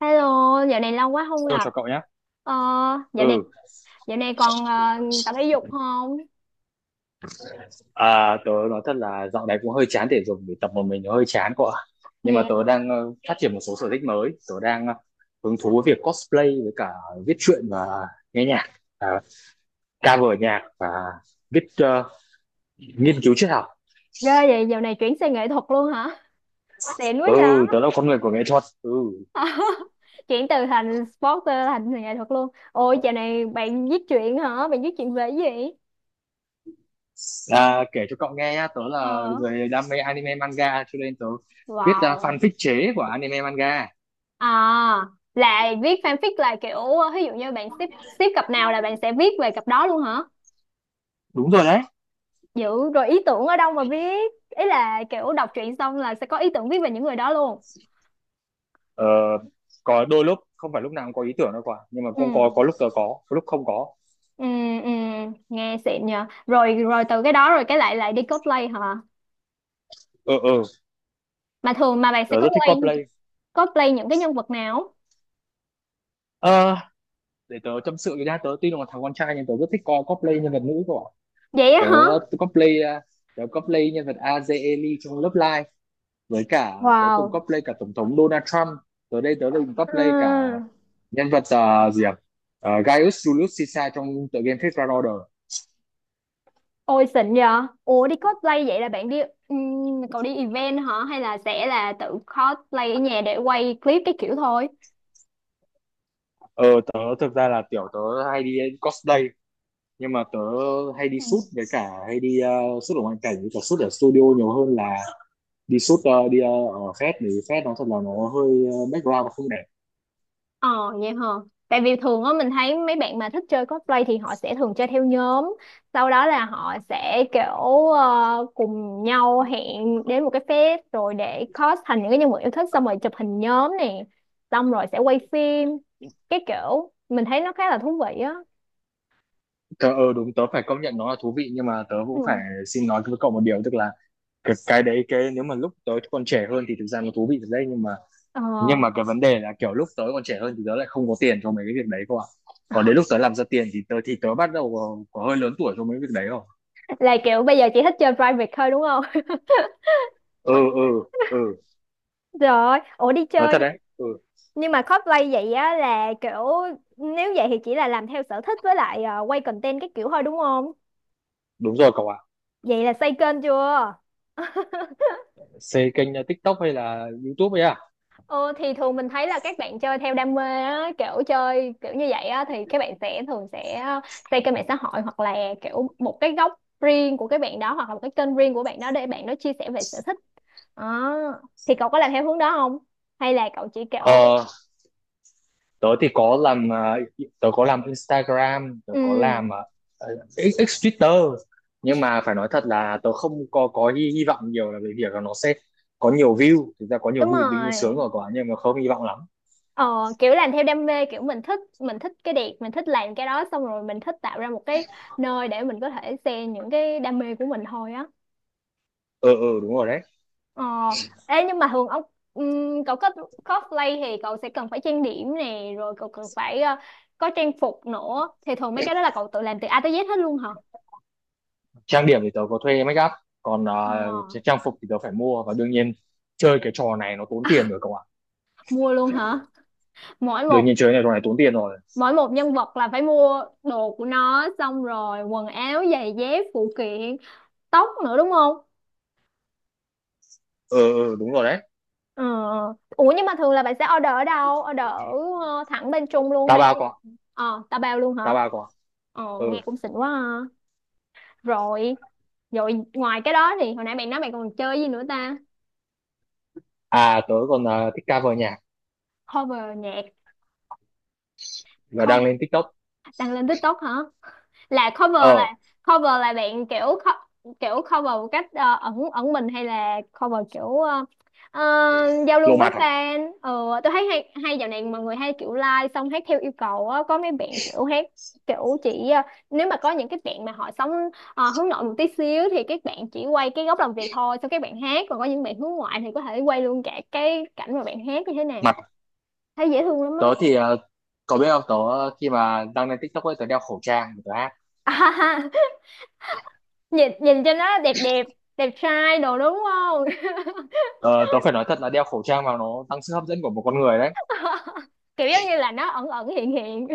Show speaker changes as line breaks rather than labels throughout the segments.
Hello, dạo này lâu quá không
Tôi
gặp.
cho cậu nhé.
Ờ, dạo này
Ừ.
dạo này còn ờ, tập thể dục không?
À, tớ nói thật là dạo này cũng hơi chán thể dục vì tập một mình nó hơi chán cậu ạ. Nhưng mà
Dạ.
tớ đang phát triển một số sở thích mới, tớ đang hứng thú với việc cosplay, với cả viết truyện, và nghe nhạc, à, cover nhạc, và viết ờ, nghiên cứu triết học.
Ghê vậy, dạo này chuyển sang nghệ thuật luôn hả? Xịn quá
Ừ,
vậy.
tớ là con người của nghệ thuật. Ừ.
Chuyển từ thành sporter thành nghệ thuật luôn. Ôi, dạo này bạn viết truyện hả? Bạn viết truyện về cái gì?
À, kể cho cậu nghe nhá, tớ là
Ờ.
người đam mê anime manga, cho nên tớ viết
Wow.
fanfic chế của anime manga.
À, là viết fanfic là kiểu ví dụ như bạn ship ship cặp nào là bạn sẽ viết về cặp đó luôn hả?
Đúng rồi đấy.
Dữ, rồi ý tưởng ở đâu mà viết? Ý là kiểu đọc truyện xong là sẽ có ý tưởng viết về những người đó luôn.
Ờ, có đôi lúc không phải lúc nào cũng có ý tưởng đâu quả, nhưng mà
Ừ.
cũng có lúc tớ có lúc không có.
Ừ, ừ, nghe xịn nhờ. Rồi rồi từ cái đó rồi cái lại lại đi cosplay hả,
ờ ờ
mà thường mà bạn sẽ
Tớ rất thích
cosplay
cosplay.
cosplay những cái nhân vật nào?
Ờ, để tớ tâm sự với nha, tớ tuy là một thằng con trai nhưng tớ rất thích cosplay nhân vật nữ của
Vậy á
tớ,
hả.
tớ cosplay, à, tớ cosplay nhân vật Azeli trong lớp live, với cả tớ từng
Wow.
cosplay cả tổng thống Donald Trump. Tớ đây tớ từng cosplay cả
Ừ.
nhân vật, à, gì à? Ờ, Gaius Julius Caesar trong tựa game Fate Grand Order.
Ôi xịn nhờ. Ủa đi cosplay vậy là bạn đi, ừ, cậu đi event hả hay là sẽ là tự cosplay ở nhà để quay clip cái kiểu thôi?
ờ Tớ thực ra là tiểu tớ hay đi cosplay, nhưng mà tớ hay đi
Ừ.
shoot, với cả hay đi shoot ở ngoại cảnh, với cả shoot ở studio nhiều hơn là đi shoot đi ở fest. Thì fest nó thật là nó hơi, background nó không đẹp.
Ờ vậy hả? Tại vì thường á mình thấy mấy bạn mà thích chơi cosplay thì họ sẽ thường chơi theo nhóm, sau đó là họ sẽ kiểu, cùng nhau hẹn đến một cái fest rồi để cos thành những cái nhân vật yêu thích, xong rồi chụp hình nhóm nè, xong rồi sẽ quay phim. Cái kiểu mình thấy nó khá là thú vị á.
Tớ, đúng, tớ phải công nhận nó là thú vị, nhưng mà tớ cũng phải
Ừ.
xin nói với cậu một điều, tức là cái đấy, nếu mà lúc tớ còn trẻ hơn thì thực ra nó thú vị thật đấy,
Ờ.
nhưng mà cái vấn đề là kiểu lúc tớ còn trẻ hơn thì tớ lại không có tiền cho mấy cái việc đấy cơ ạ. Còn đến lúc tớ làm ra tiền thì tớ bắt đầu có hơi lớn tuổi cho mấy việc đấy. Không.
Là kiểu bây giờ chỉ thích chơi private thôi đúng không?
Ừ. Ừ. Ừ.
Rồi, ủa đi
Nói
chơi
thật
nh-
đấy. Ừ.
nhưng mà cosplay vậy á là kiểu, nếu vậy thì chỉ là làm theo sở thích với lại, quay content cái kiểu thôi đúng không?
Đúng rồi cậu ạ.
Vậy là xây kênh chưa?
Xây kênh TikTok hay là YouTube ấy à?
Ờ thì thường mình thấy là các bạn chơi theo đam mê á, kiểu chơi kiểu như vậy á thì các bạn sẽ thường sẽ, xây kênh mạng xã hội hoặc là kiểu một cái góc riêng của các bạn đó, hoặc là một cái kênh riêng của bạn đó để bạn đó chia sẻ về sở thích. Đó. Thì cậu có làm theo hướng đó không? Hay là cậu chỉ kiểu,
Ờ, tớ thì có làm, uh, tớ có làm Instagram, tớ có làm
ừ
X Twitter, nhưng mà phải nói thật là tớ không có hy vọng nhiều là về việc là nó sẽ có nhiều view. Thực ra có nhiều
đúng
view tính
rồi.
sướng rồi quá nhưng mà không hy vọng lắm.
Ờ kiểu làm theo đam mê, kiểu mình thích, mình thích cái đẹp, mình thích làm cái đó xong rồi mình thích tạo ra một cái nơi để mình có thể share những cái đam mê của mình thôi á.
Ờ. Ừ, ừ, đúng rồi đấy.
Ờ, ê nhưng mà thường ông, cậu có cosplay thì cậu sẽ cần phải trang điểm nè, rồi cậu cần phải, có trang phục nữa. Thì thường mấy cái đó là cậu tự làm từ A tới Z hết luôn hả?
Trang điểm thì tớ có thuê make up, còn
Ờ,
trang phục thì tớ phải mua, và đương nhiên chơi cái trò này nó tốn tiền rồi cậu ạ.
mua luôn hả? Mỗi một
Đương nhiên chơi cái trò này tốn tiền rồi.
mỗi một nhân vật là phải mua đồ của nó, xong rồi quần áo, giày dép, phụ kiện, tóc nữa đúng không?
Ờ. Ừ, ừ, đúng rồi đấy.
Ờ. Ờ. Ủa nhưng mà thường là bạn sẽ order ở đâu? Order thẳng bên Trung luôn
Tao
hay
bao con,
ờ, ta bao luôn
tao
hả?
bao con.
Ờ,
Ừ.
nghe cũng xịn quá ha. Rồi rồi ngoài cái đó thì hồi nãy bạn nói bạn còn chơi gì nữa ta?
À, tớ còn thích cover nhạc
Cover nhạc,
và đăng
co-
lên TikTok.
đăng lên TikTok hả? Là cover là,
Ờ,
cover là bạn kiểu co- kiểu cover một cách, ẩn ẩn mình hay là cover kiểu, ờ, giao lưu
lộ
với
mặt à?
fan. Ừ, tôi thấy hay hay dạo này mọi người hay kiểu like xong hát theo yêu cầu á, có mấy bạn kiểu hát kiểu chỉ, nếu mà có những cái bạn mà họ sống, hướng nội một tí xíu thì các bạn chỉ quay cái góc làm việc thôi xong các bạn hát, còn có những bạn hướng ngoại thì có thể quay luôn cả cái cảnh mà bạn hát như thế
Mặt
nào, thấy dễ thương lắm á.
tớ thì, ờ, cậu biết không, tớ khi mà đăng lên TikTok ấy, tớ đeo khẩu trang để tớ hát.
Nhìn nhìn cho nó đẹp đẹp, đẹp trai đồ đúng không?
Ờ, tớ phải nói thật là đeo khẩu trang vào nó tăng sức hấp dẫn của một con người đấy.
Kiểu giống như là nó ẩn ẩn hiện hiện,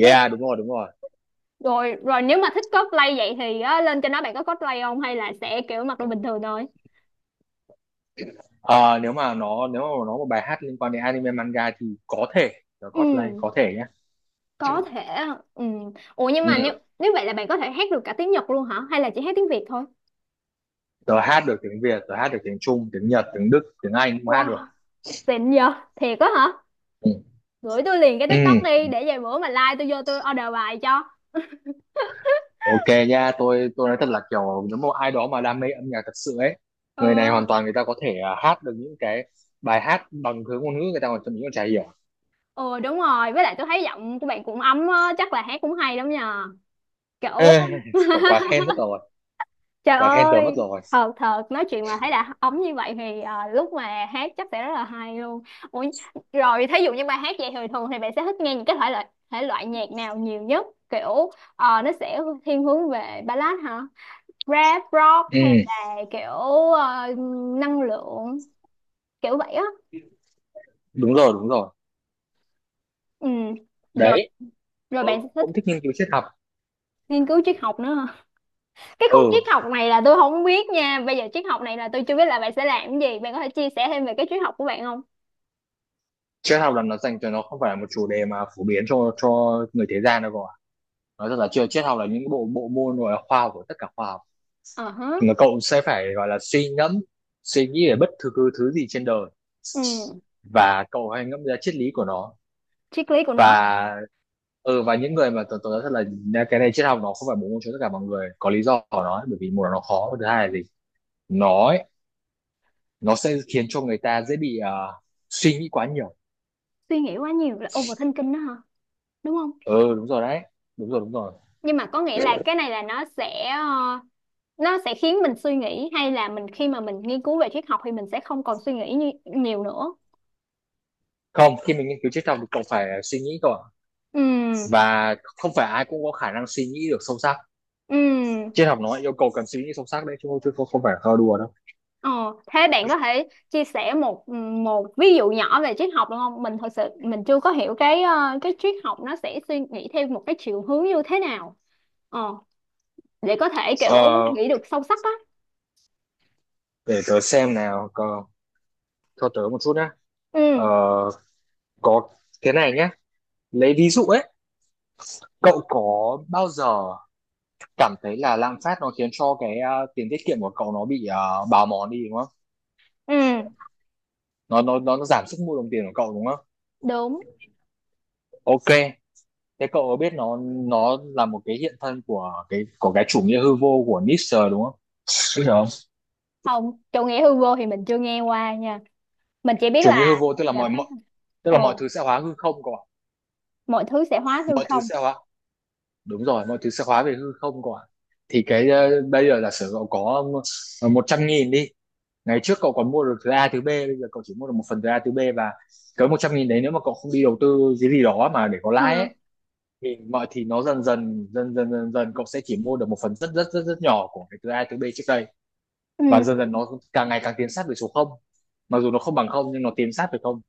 nhưng
đúng rồi, đúng rồi.
rồi rồi nếu mà thích cosplay vậy thì á, lên cho nó bạn có cosplay không hay là sẽ kiểu mặc đồ bình thường thôi?
Ờ, nếu mà nó một bài hát liên quan đến anime manga thì có thể tớ cosplay
Ừ
có thể nhé.
có thể. Ừ ủa nhưng mà nếu
Ừ.
nếu vậy là bạn có thể hát được cả tiếng Nhật luôn hả hay là chỉ hát tiếng Việt thôi?
Tớ hát được tiếng Việt, tớ hát được tiếng Trung, tiếng Nhật, tiếng Đức, tiếng Anh cũng hát được.
Wow, xịn vậy thiệt á hả.
Ừ.
Gửi tôi liền cái TikTok
Ừ.
đi để vài bữa mà like tôi vô tôi order bài cho.
Ok nha, tôi nói thật là kiểu nếu mà ai đó mà đam mê âm nhạc thật sự ấy, người này hoàn
ừ
toàn người ta có thể, à, hát được những cái bài hát bằng thứ ngôn ngữ người ta còn thậm chí còn chả hiểu.
ừ đúng rồi, với lại tôi thấy giọng của bạn cũng ấm á, chắc là hát cũng hay lắm nhờ
Ê,
kiểu.
cậu quá khen mất rồi,
Trời
quá khen tớ mất
ơi,
rồi.
thật thật nói chuyện mà thấy đã ống như vậy thì, lúc mà hát chắc sẽ rất là hay luôn. Ủa, rồi thí dụ như bài hát vậy thì thường thì bạn sẽ thích nghe những cái thể loại nhạc nào nhiều nhất? Kiểu, nó sẽ thiên hướng về ballad hả? Rap, rock hay
Ừ,
là kiểu, ờ, năng lượng kiểu vậy á.
đúng rồi, đúng rồi.
Ừ. Rồi
Đấy,
rồi
tớ
bạn sẽ
cũng
thích
thích nghiên cứu triết học.
nghiên cứu triết học nữa hả? Cái khúc
Ừ,
triết học này là tôi không biết nha. Bây giờ triết học này là tôi chưa biết là bạn sẽ làm cái gì. Bạn có thể chia sẻ thêm về cái triết học của bạn không?
triết học là nó dành cho, nó không phải là một chủ đề mà phổ biến cho người thế gian đâu cậu ạ. Nói thật là chưa, triết học là những bộ bộ môn, rồi là khoa học của tất cả khoa học.
Ờ hả.
Mà cậu sẽ phải gọi là suy ngẫm, suy nghĩ về bất cứ thứ thứ gì trên đời,
Ừ,
và cậu hãy ngẫm ra triết lý của nó.
triết lý của nó.
Và, ừ, và những người mà tôi nói thật là cái này triết học nó không phải bốn môn cho tất cả mọi người, có lý do của nó ấy, bởi vì một là nó khó, và thứ hai là gì, nó ấy, nó sẽ khiến cho người ta dễ bị, à, suy nghĩ quá nhiều.
Suy nghĩ quá nhiều là overthinking đó hả? Đúng không?
Ừ, đúng rồi đấy. Đúng rồi, đúng rồi.
Nhưng mà có nghĩa là cái này là nó sẽ, nó sẽ khiến mình suy nghĩ, hay là mình khi mà mình nghiên cứu về triết học thì mình sẽ không còn suy nghĩ như, nhiều nữa.
Không, khi mình nghiên cứu triết học thì cậu phải suy nghĩ cậu ạ,
Ừ,
và không phải ai cũng có khả năng suy nghĩ được sâu sắc.
ừ.
Triết học nó yêu cầu cần suy nghĩ sâu sắc đấy, chứ không không phải là thơ đùa đâu.
Ờ, thế bạn có thể chia sẻ một, một ví dụ nhỏ về triết học được không? Mình thật sự mình chưa có hiểu cái, cái triết học nó sẽ suy nghĩ theo một cái chiều hướng như thế nào. Ờ, để có thể kiểu
Ờ,
nghĩ được sâu sắc á.
để tớ xem nào, cờ, cho tớ một chút nhé. Ờ,
Ừ,
có, thế này nhé, lấy ví dụ ấy, cậu có bao giờ cảm thấy là lạm phát nó khiến cho cái, ờ, tiền tiết kiệm của cậu nó bị, ờ, bào mòn đi đúng không?
ừ,
Nó giảm sức mua đồng tiền của cậu đúng không?
đúng.
Ok, thế cậu có biết nó là một cái hiện thân của cái, của cái chủ nghĩa hư vô của Nietzsche đúng không? Biết rồi không?
Không, chủ nghĩa hư vô thì mình chưa nghe qua nha, mình chỉ biết
Chủ nghĩa hư vô
là phải.
tức
Ờ
là mọi thứ sẽ hóa hư không cậu ạ.
mọi thứ sẽ hóa hư
Mọi thứ
không.
sẽ hóa, đúng rồi, mọi thứ sẽ hóa về hư không cậu ạ. Thì cái, ờ, bây giờ giả sử cậu có, ờ, một trăm nghìn đi, ngày trước cậu còn mua được thứ A thứ B, bây giờ cậu chỉ mua được một phần thứ A thứ B, và cái một trăm nghìn đấy nếu mà cậu không đi đầu tư cái gì đó mà để có lãi
Ờ,
ấy, thì mọi, thì nó dần dần dần dần dần dần cậu sẽ chỉ mua được một phần rất rất rất rất nhỏ của cái thứ A thứ B trước đây.
ừ,
Và dần dần nó càng ngày càng tiến sát về số không, mặc dù nó không bằng không nhưng nó tiến sát về không.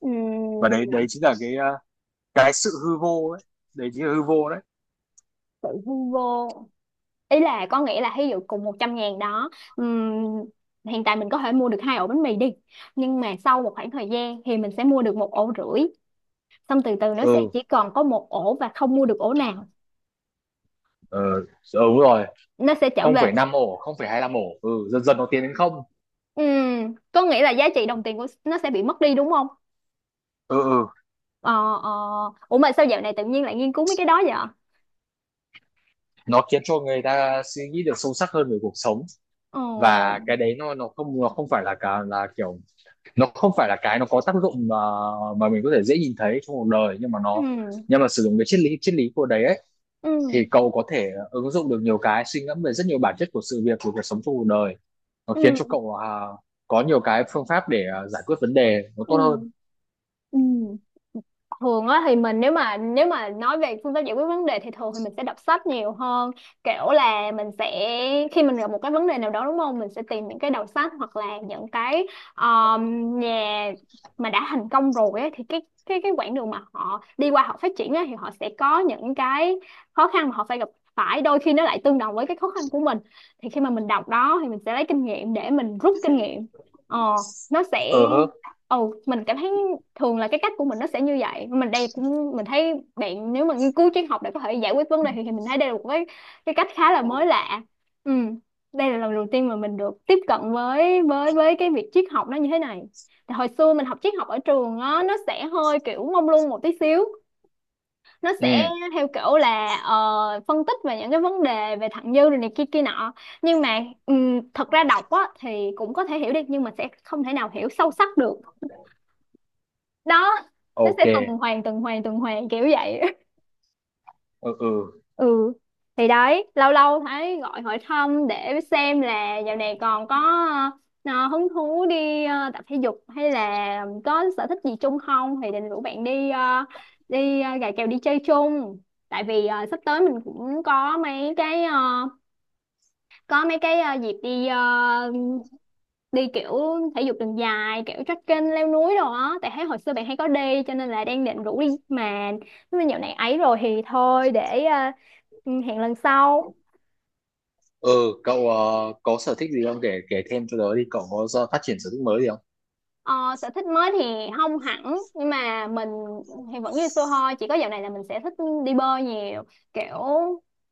ừ,
Và đấy, đấy chính là cái, ờ, cái sự hư vô ấy, đấy chính là hư vô đấy.
sự hư vô. Ý là có nghĩa là ví dụ cùng 100 ngàn đó, ừm, hiện tại mình có thể mua được hai ổ bánh mì đi, nhưng mà sau một khoảng thời gian thì mình sẽ mua được một ổ rưỡi, xong từ từ nó sẽ
Ừ.
chỉ còn có một ổ và không mua được ổ nào,
Ờ, đúng rồi.
nó sẽ trở về.
0,5 ổ, 0,25 ổ, ừ, dần dần nó tiến đến không.
Có nghĩa là giá trị đồng tiền của nó sẽ bị mất đi đúng không?
Ừ. Ừ.
Ờ ờ. Ủa mà sao dạo này tự nhiên lại nghiên cứu mấy cái đó vậy?
Nó khiến cho người ta suy nghĩ được sâu sắc hơn về cuộc sống. Và
Ồ,
cái đấy nó không, nó không phải là cả, là kiểu nó không phải là cái nó có tác dụng mà mình có thể dễ nhìn thấy trong cuộc đời, nhưng mà
ừ,
nó, nhưng mà sử dụng cái triết lý của đấy ấy,
ừ,
thì cậu có thể ứng dụng được nhiều cái suy ngẫm về rất nhiều bản chất của sự việc của cuộc sống trong cuộc đời. Nó
ừ,
khiến
ừ,
cho cậu, à, có nhiều cái phương pháp để, à, giải quyết vấn đề nó
ừ.
tốt hơn.
Ừ. Thường á thì mình, nếu mà nói về phương pháp giải quyết vấn đề thì thường thì mình sẽ đọc sách nhiều hơn, kiểu là mình sẽ, khi mình gặp một cái vấn đề nào đó đúng không, mình sẽ tìm những cái đầu sách hoặc là những cái, nhà mà đã thành công rồi ấy, thì cái quãng đường mà họ đi qua họ phát triển ấy, thì họ sẽ có những cái khó khăn mà họ phải gặp phải, đôi khi nó lại tương đồng với cái khó khăn của mình, thì khi mà mình đọc đó thì mình sẽ lấy kinh nghiệm để mình rút kinh nghiệm. Ờ nó sẽ,
Ờ hơ.
ừ mình cảm thấy thường là cái cách của mình nó sẽ như vậy. Mình đây cũng mình thấy bạn nếu mà nghiên cứu triết học để có thể giải quyết vấn đề thì mình thấy đây là một cái cách khá là mới lạ. Ừ. Đây là lần đầu tiên mà mình được tiếp cận với với cái việc triết học nó như thế này. Thì hồi xưa mình học triết học ở trường á nó sẽ hơi kiểu mông lung một tí xíu, nó
Ừ.
sẽ theo kiểu là, phân tích về những cái vấn đề về thặng dư rồi này kia kia nọ, nhưng mà, thật ra đọc á thì cũng có thể hiểu được nhưng mà sẽ không thể nào hiểu sâu sắc được đó, nó
Ok.
sẽ tuần hoàn tuần hoàn kiểu vậy.
Ừ. Ừ.
Ừ thì đấy, lâu lâu thấy gọi hỏi thăm để xem là dạo này còn có, hứng thú đi, tập thể dục hay là có sở thích gì chung không thì định rủ bạn đi, gà kèo đi chơi chung, tại vì, sắp tới mình cũng có mấy cái, có mấy cái, đi kiểu thể dục đường dài kiểu trekking leo núi đồ á, tại thấy hồi xưa bạn hay có đi cho nên là đang định rủ đi, mà nếu mà dạo này ấy rồi thì thôi để, hẹn lần sau.
Ừ. Cậu, ờ, có sở thích gì không, kể kể thêm cho tớ đi, cậu có do phát triển sở thích mới gì không?
Ờ, sở thích mới thì không hẳn, nhưng mà mình thì vẫn như xưa thôi, chỉ có dạo này là mình sẽ thích đi bơi nhiều, kiểu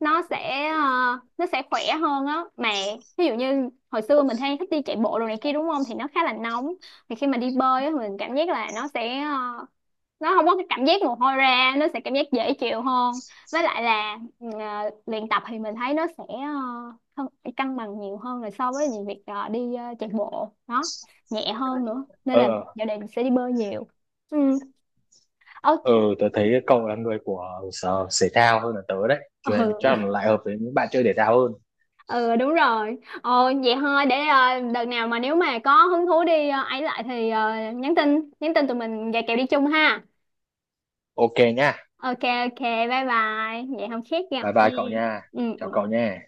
nó sẽ, nó sẽ khỏe hơn á mà. Ví dụ như hồi xưa mình hay thích đi chạy bộ đồ này kia đúng không thì nó khá là nóng, thì khi mà đi bơi á mình cảm giác là nó sẽ, nó không có cái cảm giác mồ hôi ra, nó sẽ cảm giác dễ chịu hơn. Với lại là ừ, luyện tập thì mình thấy nó sẽ, cân cân bằng nhiều hơn là so với những việc, chạy bộ nó nhẹ hơn nữa, nên
Ờ.
là
Ờ.
giờ đây mình sẽ đi bơi nhiều. Ừ.
Ờ,
Ok.
tớ thấy cậu là người của sở thể thao hơn là tớ đấy, cho nên chắc là
Ừ,
lại hợp với những bạn chơi thể thao hơn.
ừ đúng rồi. Ờ vậy thôi để, đợt nào mà nếu mà có hứng thú đi, ấy lại thì, nhắn tin tụi mình gà kèo đi chung ha.
Ok nha.
Ok. Ok. Bye bye vậy không khác gặp
Bye bye
nha.
cậu nha.
Ừ
Chào
ừ.
cậu nha.